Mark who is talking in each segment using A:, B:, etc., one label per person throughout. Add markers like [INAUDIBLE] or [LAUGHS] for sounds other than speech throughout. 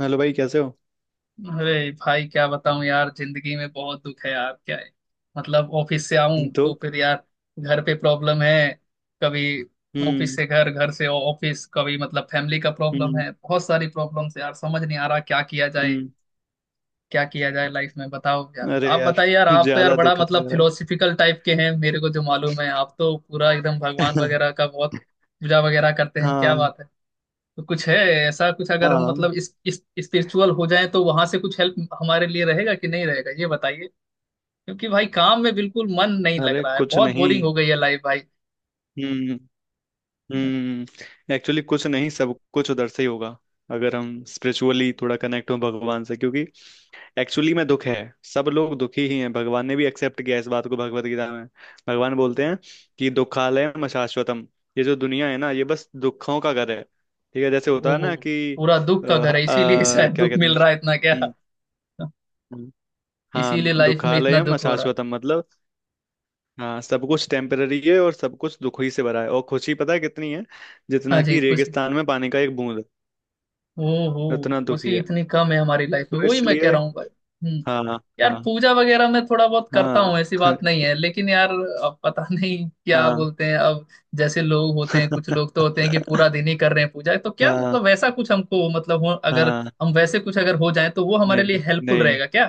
A: Hello भाई कैसे हो।
B: अरे भाई, क्या बताऊं यार, जिंदगी में बहुत दुख है यार। क्या है मतलब, ऑफिस से आऊं
A: तो
B: तो फिर यार घर पे प्रॉब्लम है। कभी ऑफिस
A: हम्म।
B: से घर, घर से ऑफिस, कभी मतलब फैमिली का प्रॉब्लम
A: हम्म।
B: है, बहुत सारी प्रॉब्लम्स यार, समझ नहीं आ रहा क्या किया जाए।
A: हम्म।
B: क्या किया जाए लाइफ में, बताओ यार।
A: अरे
B: आप
A: यार
B: बताइए यार, आप तो यार
A: ज्यादा
B: बड़ा
A: दिक्कत
B: मतलब
A: लग रहा
B: फिलोसफिकल टाइप के हैं, मेरे को जो मालूम है। आप तो पूरा एकदम
A: है।
B: भगवान
A: [LAUGHS]
B: वगैरह का बहुत पूजा वगैरह करते हैं, क्या
A: हाँ
B: बात है। तो कुछ है, ऐसा कुछ अगर हम
A: हाँ।
B: मतलब इस स्पिरिचुअल हो जाएं तो वहां से कुछ हेल्प हमारे लिए रहेगा कि नहीं रहेगा, ये बताइए। क्योंकि भाई, काम में बिल्कुल मन नहीं लग
A: अरे
B: रहा है,
A: कुछ
B: बहुत बोरिंग
A: नहीं।
B: हो गई है लाइफ भाई।
A: हम्म। एक्चुअली कुछ नहीं सब कुछ उधर से ही होगा। अगर हम स्पिरिचुअली थोड़ा कनेक्ट हो भगवान से, क्योंकि एक्चुअली में दुख है। सब लोग दुखी ही हैं। भगवान ने भी एक्सेप्ट किया इस बात को भगवत गीता में। भगवान बोलते हैं कि दुखालयम शाश्वतम। ये जो दुनिया है ना, ये बस दुखों का घर है। ठीक है, जैसे होता है
B: वो
A: ना कि
B: पूरा दुख का घर है, इसीलिए [LAUGHS] शायद
A: क्या
B: दुख
A: कहते हैं
B: मिल रहा है इतना, क्या
A: हम्म, हम्म। हाँ,
B: इसीलिए लाइफ में इतना
A: दुखालयम
B: दुख हो रहा है।
A: अशाश्वतम मतलब, हाँ सब कुछ टेम्पररी है और सब कुछ दुख ही से भरा है, और खुशी पता है कितनी है?
B: हाँ
A: जितना
B: जी,
A: कि
B: खुशी,
A: रेगिस्तान में पानी का एक बूंद,
B: ओ हो,
A: उतना दुखी
B: खुशी
A: है।
B: इतनी कम है हमारी लाइफ में,
A: तो
B: वही मैं कह
A: इसलिए
B: रहा हूँ भाई। हम्म
A: हाँ
B: यार,
A: हाँ
B: पूजा वगैरह मैं थोड़ा बहुत करता
A: हाँ।
B: हूँ, ऐसी बात नहीं
A: [LAUGHS]
B: है, लेकिन यार अब पता [LAUGHS] नहीं क्या
A: हाँ
B: बोलते हैं अब, जैसे लोग होते हैं, कुछ लोग तो होते हैं कि पूरा
A: [LAUGHS]
B: दिन ही कर रहे हैं पूजा, तो क्या
A: हाँ
B: मतलब वैसा कुछ हमको मतलब हो, अगर
A: हाँ।
B: हम वैसे कुछ अगर हो जाए तो वो हमारे लिए
A: नहीं
B: हेल्पफुल
A: नहीं
B: रहेगा क्या?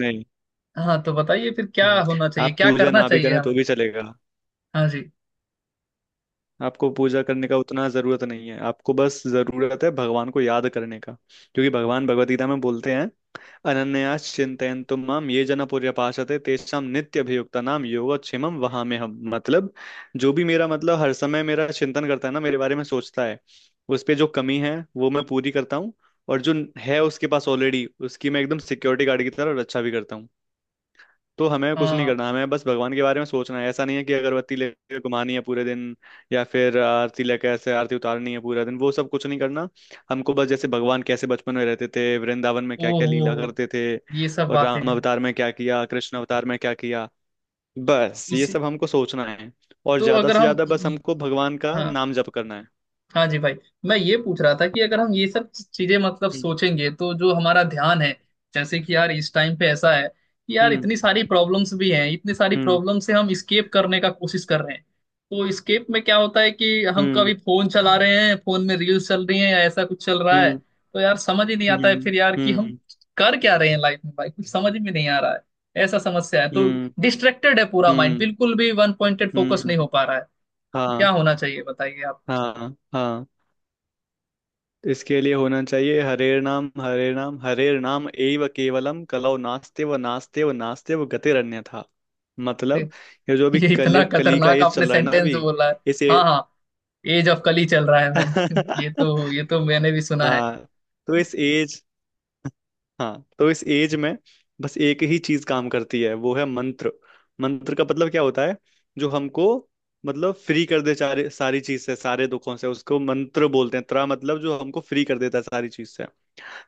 A: नहीं।
B: हाँ तो बताइए फिर क्या
A: हम्म,
B: होना चाहिए,
A: आप
B: क्या
A: पूजा
B: करना
A: ना भी
B: चाहिए
A: करें तो
B: हमें?
A: भी चलेगा।
B: हाँ जी।
A: आपको पूजा करने का उतना जरूरत नहीं है। आपको बस जरूरत है भगवान को याद करने का, क्योंकि भगवान भगवत गीता में बोलते हैं, अनन्यास चिंतयन्तु माम ये जना पर्यपासते, तेषां नित्य अभियुक्ता नाम योगक्षेमम वहाम्यहम्। मतलब जो भी मेरा, मतलब हर समय मेरा चिंतन करता है ना, मेरे बारे में सोचता है, उस पे जो कमी है वो मैं पूरी करता हूँ। और जो है उसके पास ऑलरेडी, उसकी मैं एकदम सिक्योरिटी गार्ड की तरह रक्षा भी करता हूँ। तो हमें कुछ नहीं
B: हाँ।
A: करना, हमें बस भगवान के बारे में सोचना है। ऐसा नहीं है कि अगरबत्ती लेके घुमानी है पूरे दिन, या फिर आरती लेके ऐसे आरती उतारनी है पूरा दिन, वो सब कुछ नहीं करना। हमको बस जैसे भगवान कैसे बचपन में रहते थे, वृंदावन में क्या क्या
B: ओहो,
A: लीला करते थे,
B: ये सब
A: और
B: बातें
A: राम
B: हैं।
A: अवतार में क्या किया, कृष्ण अवतार में क्या किया, बस ये
B: इसी
A: सब हमको सोचना है। और
B: तो
A: ज्यादा
B: अगर
A: से ज्यादा बस हमको
B: हम,
A: भगवान का
B: हाँ
A: नाम जप करना है।
B: हाँ जी भाई, मैं ये पूछ रहा था कि अगर हम ये सब चीजें मतलब
A: हम्म।
B: सोचेंगे तो जो हमारा ध्यान है, जैसे कि यार इस टाइम पे ऐसा है कि यार
A: हम्म।
B: इतनी सारी प्रॉब्लम्स भी हैं, इतनी सारी
A: हम्म।
B: प्रॉब्लम से हम स्केप करने का कोशिश कर रहे हैं। तो स्केप में क्या होता है कि हम
A: हम्म।
B: कभी फोन चला रहे हैं, फोन में रील्स चल रही हैं या ऐसा कुछ चल रहा है।
A: हम्म।
B: तो यार समझ ही नहीं आता है
A: हम्म।
B: फिर यार कि हम
A: हम्म।
B: कर क्या रहे हैं लाइफ में भाई, कुछ समझ में नहीं आ रहा है, ऐसा समस्या है। तो
A: हम्म।
B: डिस्ट्रैक्टेड है पूरा माइंड,
A: हम्म।
B: बिल्कुल भी वन पॉइंटेड फोकस नहीं
A: हम्म,
B: हो पा रहा है। तो
A: हाँ।
B: क्या होना चाहिए बताइए आप कुछ।
A: हाँ हाँ, इसके लिए होना चाहिए, हरे नाम हरे नाम हरे नाम एव केवलम, कलौ नास्ते व नास्ते व नास्ते व गतिरन्य था। मतलब, ये जो भी
B: ये
A: कली,
B: इतना
A: कली का
B: खतरनाक
A: एज
B: आपने
A: चल रहा है ना
B: सेंटेंस
A: अभी,
B: बोला है।
A: इस
B: हाँ
A: ए...
B: हाँ, एज ऑफ कली चल रहा है, मैंने [LAUGHS] ये
A: [LAUGHS]
B: तो ये तो मैंने भी सुना है।
A: हाँ तो इस एज हाँ तो इस एज में बस एक ही चीज काम करती है, वो है मंत्र। मंत्र का मतलब क्या होता है? जो हमको, मतलब फ्री कर दे सारे, सारी चीज से, सारे दुखों से, उसको मंत्र बोलते हैं। त्रा मतलब जो हमको फ्री कर देता है सारी चीज से।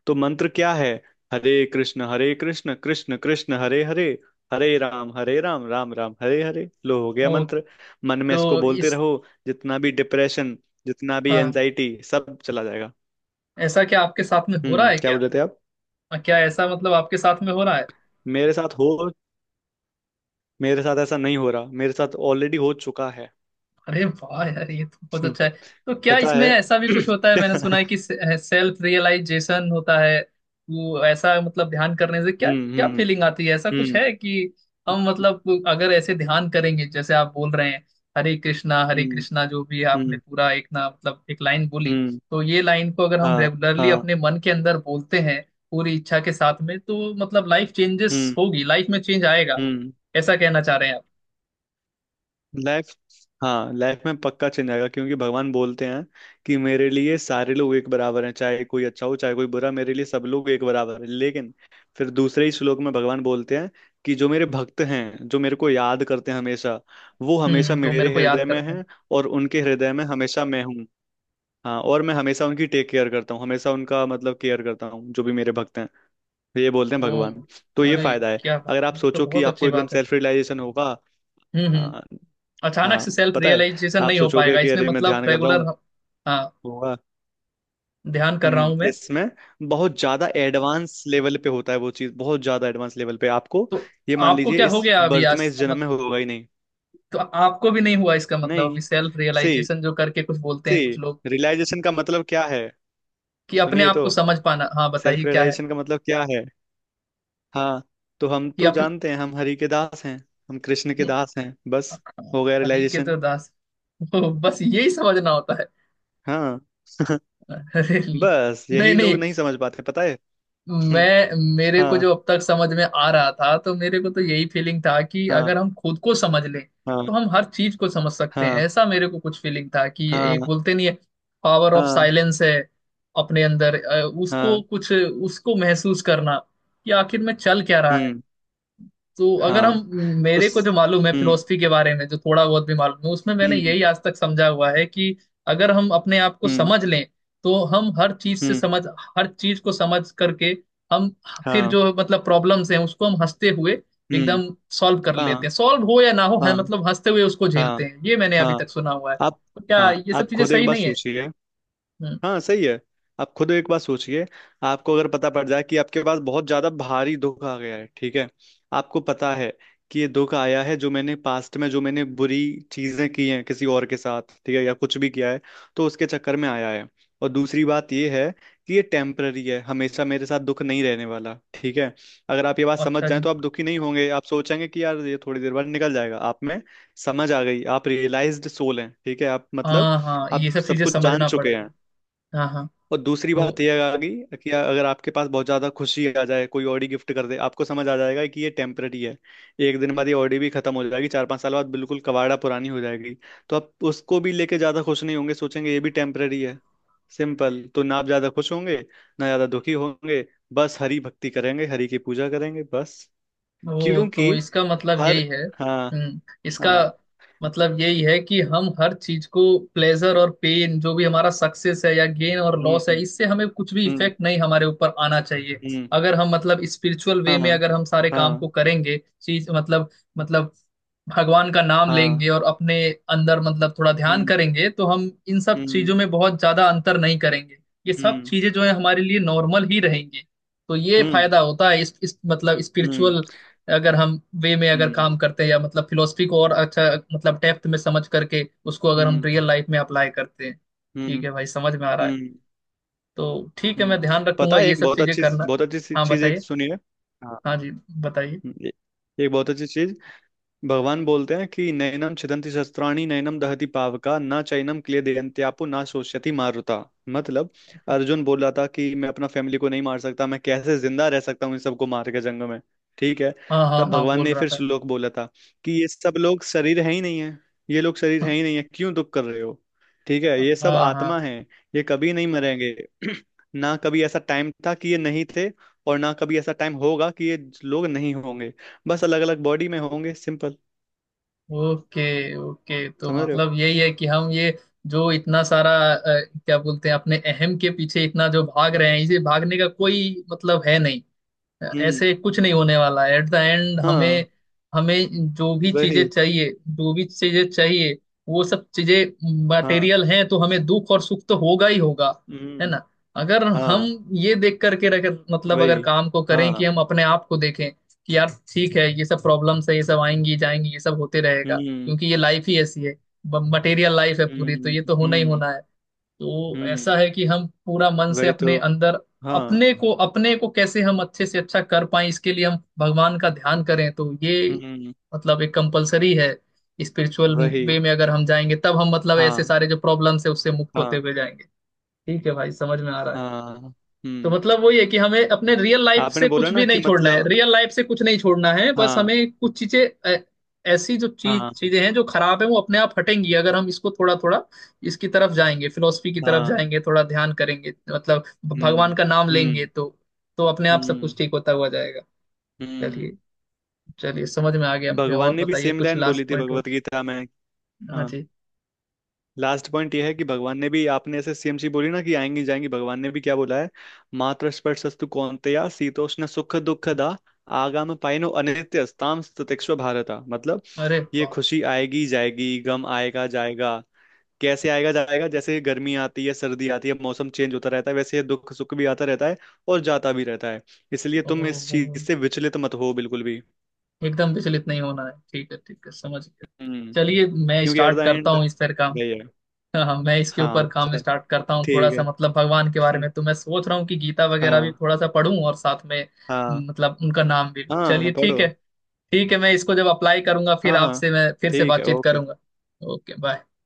A: तो मंत्र क्या है? हरे कृष्ण कृष्ण कृष्ण हरे हरे, हरे राम राम राम हरे हरे। लो हो गया
B: वो
A: मंत्र। मन में इसको
B: तो
A: बोलते
B: इस
A: रहो, जितना भी डिप्रेशन, जितना भी
B: हाँ,
A: एंजाइटी, सब चला जाएगा।
B: ऐसा क्या आपके साथ में हो रहा
A: हम्म,
B: है
A: क्या
B: क्या?
A: बोल रहे थे आप?
B: हाँ, क्या ऐसा मतलब आपके साथ में हो रहा है?
A: मेरे साथ हो मेरे साथ ऐसा नहीं हो रहा, मेरे साथ ऑलरेडी हो चुका है।
B: अरे वाह यार, ये तो बहुत
A: हम्म,
B: अच्छा है। तो क्या
A: पता
B: इसमें
A: है।
B: ऐसा भी कुछ होता है? मैंने सुना है
A: [CLEARS THROAT]
B: कि सेल्फ रियलाइजेशन होता है। वो ऐसा मतलब ध्यान करने से क्या
A: हम्म।
B: क्या
A: हम्म।
B: फीलिंग आती है, ऐसा कुछ
A: हम्म।
B: है कि हम मतलब अगर ऐसे ध्यान करेंगे जैसे आप बोल रहे हैं, हरे कृष्णा हरे
A: हम्म।
B: कृष्णा, जो भी आपने
A: हम्म।
B: पूरा एक ना मतलब एक लाइन बोली,
A: हम्म,
B: तो ये लाइन को अगर हम
A: हाँ।
B: रेगुलरली
A: हाँ।
B: अपने मन के अंदर बोलते हैं पूरी इच्छा के साथ में, तो मतलब लाइफ चेंजेस
A: हम्म।
B: होगी, लाइफ में चेंज आएगा,
A: हम्म।
B: ऐसा कहना चाह रहे हैं आप?
A: लाइफ, हाँ लाइफ में पक्का चेंज आएगा, क्योंकि भगवान बोलते हैं कि मेरे लिए सारे लोग एक बराबर हैं, चाहे कोई अच्छा हो चाहे कोई बुरा, मेरे लिए सब लोग एक बराबर हैं। लेकिन फिर दूसरे ही श्लोक में भगवान बोलते हैं कि जो मेरे भक्त हैं, जो मेरे को याद करते हैं हमेशा, वो हमेशा
B: जो मेरे
A: मेरे
B: को याद
A: हृदय में
B: करते हैं।
A: हैं, और उनके हृदय में हमेशा मैं हूँ। हाँ, और मैं हमेशा उनकी टेक केयर करता हूँ, हमेशा उनका मतलब केयर करता हूँ, जो भी मेरे भक्त हैं। तो ये बोलते हैं
B: ओ,
A: भगवान। तो ये
B: अरे
A: फायदा है,
B: क्या बात
A: अगर आप
B: है, तो
A: सोचो कि
B: बहुत
A: आपको
B: अच्छी
A: एकदम
B: बात है।
A: सेल्फ रियलाइजेशन होगा।
B: हम्म,
A: हाँ,
B: अचानक
A: हाँ
B: से सेल्फ
A: पता है।
B: रियलाइजेशन
A: आप
B: नहीं हो
A: सोचोगे
B: पाएगा
A: कि
B: इसमें,
A: अरे मैं
B: मतलब
A: ध्यान कर रहा
B: रेगुलर।
A: हूँ,
B: हाँ,
A: होगा।
B: ध्यान कर रहा हूं
A: हम्म,
B: मैं।
A: इसमें बहुत ज्यादा एडवांस लेवल पे होता है वो चीज, बहुत ज्यादा एडवांस लेवल पे आपको,
B: तो
A: ये मान
B: आपको
A: लीजिए
B: क्या हो
A: इस
B: गया अभी?
A: बर्थ में,
B: आज
A: इस जन्म
B: मत-
A: में होगा ही नहीं।
B: तो आपको भी नहीं हुआ, इसका मतलब
A: नहीं।
B: अभी सेल्फ
A: सी
B: रियलाइजेशन जो करके कुछ बोलते
A: सी
B: हैं कुछ लोग
A: रियलाइजेशन का मतलब क्या है?
B: कि अपने
A: सुनिए
B: आप
A: तो,
B: को समझ पाना? हाँ बताइए
A: सेल्फ
B: क्या है।
A: रियलाइजेशन का मतलब क्या है? हाँ तो हम
B: कि
A: तो
B: अपने
A: जानते हैं, हम हरि के दास हैं, हम कृष्ण के दास हैं, बस हो गया
B: हरी के तो
A: रियलाइजेशन।
B: दास, [LAUGHS] ओ, बस यही समझना होता है?
A: हाँ [LAUGHS]
B: [LAUGHS] अरे
A: बस
B: नहीं
A: यही लोग
B: नहीं,
A: नहीं समझ पाते, पता है। [LAUGHS] हम्म,
B: मैं, मेरे को
A: हाँ।
B: जो अब तक समझ में आ रहा था, तो मेरे को तो यही फीलिंग था कि
A: हाँ।
B: अगर हम खुद को समझ लें
A: हाँ।
B: तो हम हर चीज को समझ सकते हैं,
A: हाँ।
B: ऐसा मेरे को कुछ फीलिंग था कि एक
A: हाँ।
B: बोलते नहीं है, पावर ऑफ
A: हाँ।
B: साइलेंस है, अपने अंदर उसको
A: हाँ।
B: कुछ उसको महसूस करना कि आखिर में चल क्या रहा है।
A: हम्म।
B: तो अगर हम,
A: हाँ।
B: मेरे
A: उस,
B: को जो मालूम है
A: हम्म।
B: फिलोसफी के बारे में जो थोड़ा बहुत भी मालूम है, उसमें मैंने
A: हम्म।
B: यही आज तक समझा हुआ है कि अगर हम अपने आप को
A: हम्म।
B: समझ लें तो हम हर चीज से
A: हम्म।
B: समझ, हर चीज को समझ करके हम फिर
A: हाँ।
B: जो मतलब प्रॉब्लम्स हैं उसको हम हंसते हुए
A: हम्म।
B: एकदम सॉल्व कर लेते
A: हाँ।
B: हैं, सॉल्व हो या ना हो है
A: हाँ।
B: मतलब हंसते हुए उसको
A: हाँ।
B: झेलते हैं, ये मैंने अभी तक
A: हाँ।
B: सुना हुआ है।
A: आप,
B: तो क्या
A: हाँ
B: ये सब
A: आप
B: चीजें
A: खुद एक
B: सही
A: बार
B: नहीं है?
A: सोचिए।
B: हम्म।
A: हाँ सही है, आप खुद एक बार सोचिए। आपको अगर पता पड़ जाए कि आपके पास बहुत ज्यादा भारी दुख आ गया है, ठीक है, आपको पता है कि ये दुख आया है जो मैंने पास्ट में, जो मैंने बुरी चीजें की हैं किसी और के साथ, ठीक है, या कुछ भी किया है, तो उसके चक्कर में आया है। और दूसरी बात ये है कि ये टेम्पररी है, हमेशा मेरे साथ दुख नहीं रहने वाला। ठीक है, अगर आप ये बात समझ
B: अच्छा
A: जाएं,
B: जी।
A: तो आप दुखी नहीं होंगे। आप सोचेंगे कि यार ये थोड़ी देर बाद निकल जाएगा, आप में समझ आ गई, आप रियलाइज्ड सोल हैं। ठीक है, आप मतलब,
B: हाँ हाँ, ये
A: आप
B: सब
A: सब
B: चीजें
A: कुछ जान
B: समझना
A: चुके हैं।
B: पड़ेगा। हाँ हाँ।
A: और दूसरी
B: तो
A: बात यह आ गई कि अगर आपके पास बहुत ज्यादा खुशी आ जाए, कोई ऑडी गिफ्ट कर दे, आपको समझ आ जाएगा कि ये टेम्पररी है, एक दिन बाद ये ऑडी भी खत्म हो जाएगी, चार पांच साल बाद बिल्कुल कबाड़ा पुरानी हो जाएगी। तो आप उसको भी लेके ज्यादा खुश नहीं होंगे, सोचेंगे ये भी टेम्पररी है। सिंपल, तो ना आप ज्यादा खुश होंगे, ना ज्यादा दुखी होंगे। बस हरि भक्ति करेंगे, हरि की पूजा करेंगे बस।
B: ओ,
A: क्योंकि
B: तो इसका मतलब
A: हर,
B: यही है।
A: हाँ।
B: हम्म, इसका
A: हाँ।
B: मतलब यही है कि हम हर चीज को, प्लेजर और पेन, जो भी हमारा सक्सेस है या गेन और लॉस है,
A: हम्म।
B: इससे हमें कुछ भी
A: हम्म।
B: इफेक्ट नहीं हमारे ऊपर आना चाहिए।
A: हम्म।
B: अगर हम मतलब स्पिरिचुअल वे
A: हाँ।
B: में अगर हम सारे काम को
A: हाँ।
B: करेंगे, चीज मतलब, मतलब भगवान का नाम
A: हाँ।
B: लेंगे और अपने अंदर मतलब थोड़ा ध्यान
A: हम्म।
B: करेंगे तो हम इन सब
A: हम्म।
B: चीजों में बहुत ज्यादा अंतर नहीं करेंगे, ये सब
A: हम्म।
B: चीजें जो है हमारे लिए नॉर्मल ही रहेंगी। तो ये
A: हम्म।
B: फायदा होता है इस मतलब
A: हम्म।
B: स्पिरिचुअल, अगर हम वे में अगर
A: हम्म।
B: काम करते हैं या मतलब फिलोसफी को और अच्छा मतलब डेप्थ में समझ करके उसको अगर हम
A: हम्म।
B: रियल लाइफ में अप्लाई करते हैं। ठीक
A: हम्म।
B: है भाई, समझ में आ रहा है।
A: हम्म।
B: तो ठीक है, मैं
A: हम्म।
B: ध्यान रखूंगा
A: पता है
B: ये
A: एक
B: सब
A: बहुत
B: चीजें
A: अच्छी,
B: करना।
A: बहुत अच्छी
B: हाँ
A: चीज एक
B: बताइए।
A: सुनी है। हाँ।
B: हाँ जी, बताइए।
A: हम्म, ए- एक बहुत अच्छी चीज, भगवान बोलते हैं कि नैनम छिदन्ति शस्त्राणि, नैनम दहति पावका, न चैनम क्लेदयन्त्यापो, न शोष्यति मारुता। मतलब अर्जुन बोला था कि मैं अपना फैमिली को नहीं मार सकता, मैं कैसे जिंदा रह सकता हूँ इन सबको मार के जंग में, ठीक है।
B: हाँ हाँ
A: तब
B: हाँ,
A: भगवान
B: बोल
A: ने
B: रहा
A: फिर
B: था
A: श्लोक बोला था कि ये सब लोग शरीर है ही नहीं है, ये लोग शरीर है ही
B: [LAUGHS]
A: नहीं है, क्यों दुख कर रहे हो? ठीक है, ये सब
B: हाँ
A: आत्मा
B: हाँ।
A: है, ये कभी नहीं मरेंगे। [CLEARS THROAT] ना कभी ऐसा टाइम था कि ये नहीं थे, और ना कभी ऐसा टाइम होगा कि ये लोग नहीं होंगे। बस अलग अलग बॉडी में होंगे, सिंपल।
B: ओके। ओके, तो
A: समझ रहे हो?
B: मतलब यही है कि हम ये जो इतना सारा क्या बोलते हैं अपने अहम के पीछे इतना जो भाग रहे हैं, इसे भागने का कोई मतलब है नहीं,
A: हम्म।
B: ऐसे कुछ नहीं होने वाला है एट द एंड
A: हाँ।
B: हमें। हमें जो भी चीजें
A: वही।
B: चाहिए, जो भी चीजें चाहिए, वो सब चीजें
A: हाँ।
B: मटेरियल हैं, तो हमें दुख और सुख तो होगा ही होगा, है
A: हम्म।
B: ना? अगर हम
A: हाँ।
B: ये देख करके रख, मतलब अगर
A: वही।
B: काम को करें कि
A: हाँ।
B: हम अपने आप को देखें कि यार, ठीक है, ये सब प्रॉब्लम्स है, ये सब आएंगी जाएंगी, ये सब होते रहेगा
A: हम्म।
B: क्योंकि ये लाइफ ही ऐसी है, मटेरियल लाइफ है पूरी, तो
A: हम्म।
B: ये तो होना ही
A: हम्म।
B: होना है। तो
A: हम्म।
B: ऐसा है कि हम पूरा मन से
A: वही तो।
B: अपने अंदर,
A: हाँ।
B: अपने को, अपने को कैसे हम अच्छे से अच्छा कर पाए, इसके लिए हम भगवान का ध्यान करें, तो ये
A: हम्म।
B: मतलब एक कंपलसरी है स्पिरिचुअल
A: वही।
B: वे में, अगर हम जाएंगे तब हम मतलब ऐसे
A: हाँ।
B: सारे जो प्रॉब्लम्स है उससे मुक्त होते
A: हाँ।
B: हुए जाएंगे। ठीक है भाई, समझ में आ रहा है।
A: हाँ।
B: तो
A: हम्म।
B: मतलब वही है कि हमें अपने रियल लाइफ
A: आपने
B: से
A: बोला
B: कुछ
A: ना
B: भी
A: कि
B: नहीं छोड़ना है,
A: मतलब,
B: रियल लाइफ से कुछ नहीं छोड़ना है, बस
A: हाँ
B: हमें कुछ चीजें अ, ऐसी जो चीज
A: हाँ
B: चीजें हैं जो खराब है, वो अपने आप हटेंगी अगर हम इसको थोड़ा थोड़ा इसकी तरफ जाएंगे, फिलोसफी की तरफ
A: हाँ।
B: जाएंगे, थोड़ा ध्यान करेंगे, मतलब भगवान
A: हम्म।
B: का नाम लेंगे,
A: हम्म।
B: तो अपने आप सब
A: हम्म।
B: कुछ ठीक होता हुआ जाएगा।
A: हम्म।
B: चलिए, चलिए, समझ में आ गया मुझे।
A: भगवान
B: और
A: ने भी
B: बताइए
A: सेम
B: कुछ
A: लाइन
B: लास्ट
A: बोली थी
B: पॉइंट हो?
A: भगवत गीता में।
B: हाँ
A: हाँ,
B: जी।
A: लास्ट पॉइंट यह है कि भगवान ने भी, आपने ऐसे सीएमसी बोली ना कि आएंगी जाएंगी, भगवान ने भी क्या बोला है, मातृस्पर्शस्तु कौन्तेया शीतोष्ण सुख दुखदा, आगाम पाइनो अनित्यस्ताम ततिस्व भारता। मतलब
B: अरे
A: ये
B: वाह।
A: खुशी आएगी जाएगी, गम आएगा जाएगा। कैसे आएगा जाएगा? जैसे गर्मी आती है, सर्दी आती है, मौसम चेंज होता रहता है, वैसे ये दुख सुख भी आता रहता है, और जाता भी रहता है। इसलिए तुम इस चीज
B: ओह,
A: से विचलित मत हो, बिल्कुल भी।
B: एकदम विचलित नहीं होना है, ठीक है, ठीक है, समझ गया।
A: हम्म,
B: चलिए, मैं
A: क्योंकि एट
B: स्टार्ट
A: द
B: करता
A: एंड
B: हूँ इस पर काम।
A: गई है।
B: हाँ हाँ, मैं इसके ऊपर
A: हाँ
B: काम
A: चल,
B: स्टार्ट करता हूँ थोड़ा
A: ठीक
B: सा,
A: है।
B: मतलब भगवान के बारे
A: [LAUGHS]
B: में तो मैं सोच रहा हूँ कि गीता वगैरह भी
A: हाँ।
B: थोड़ा सा पढूं और साथ में
A: हाँ।
B: मतलब उनका नाम भी लूं।
A: हाँ,
B: चलिए,
A: पढ़ो।
B: ठीक है। ठीक है, मैं इसको जब अप्लाई करूंगा फिर
A: हाँ हाँ,
B: आपसे मैं फिर से
A: ठीक है,
B: बातचीत
A: ओके।
B: करूंगा। Okay, bye.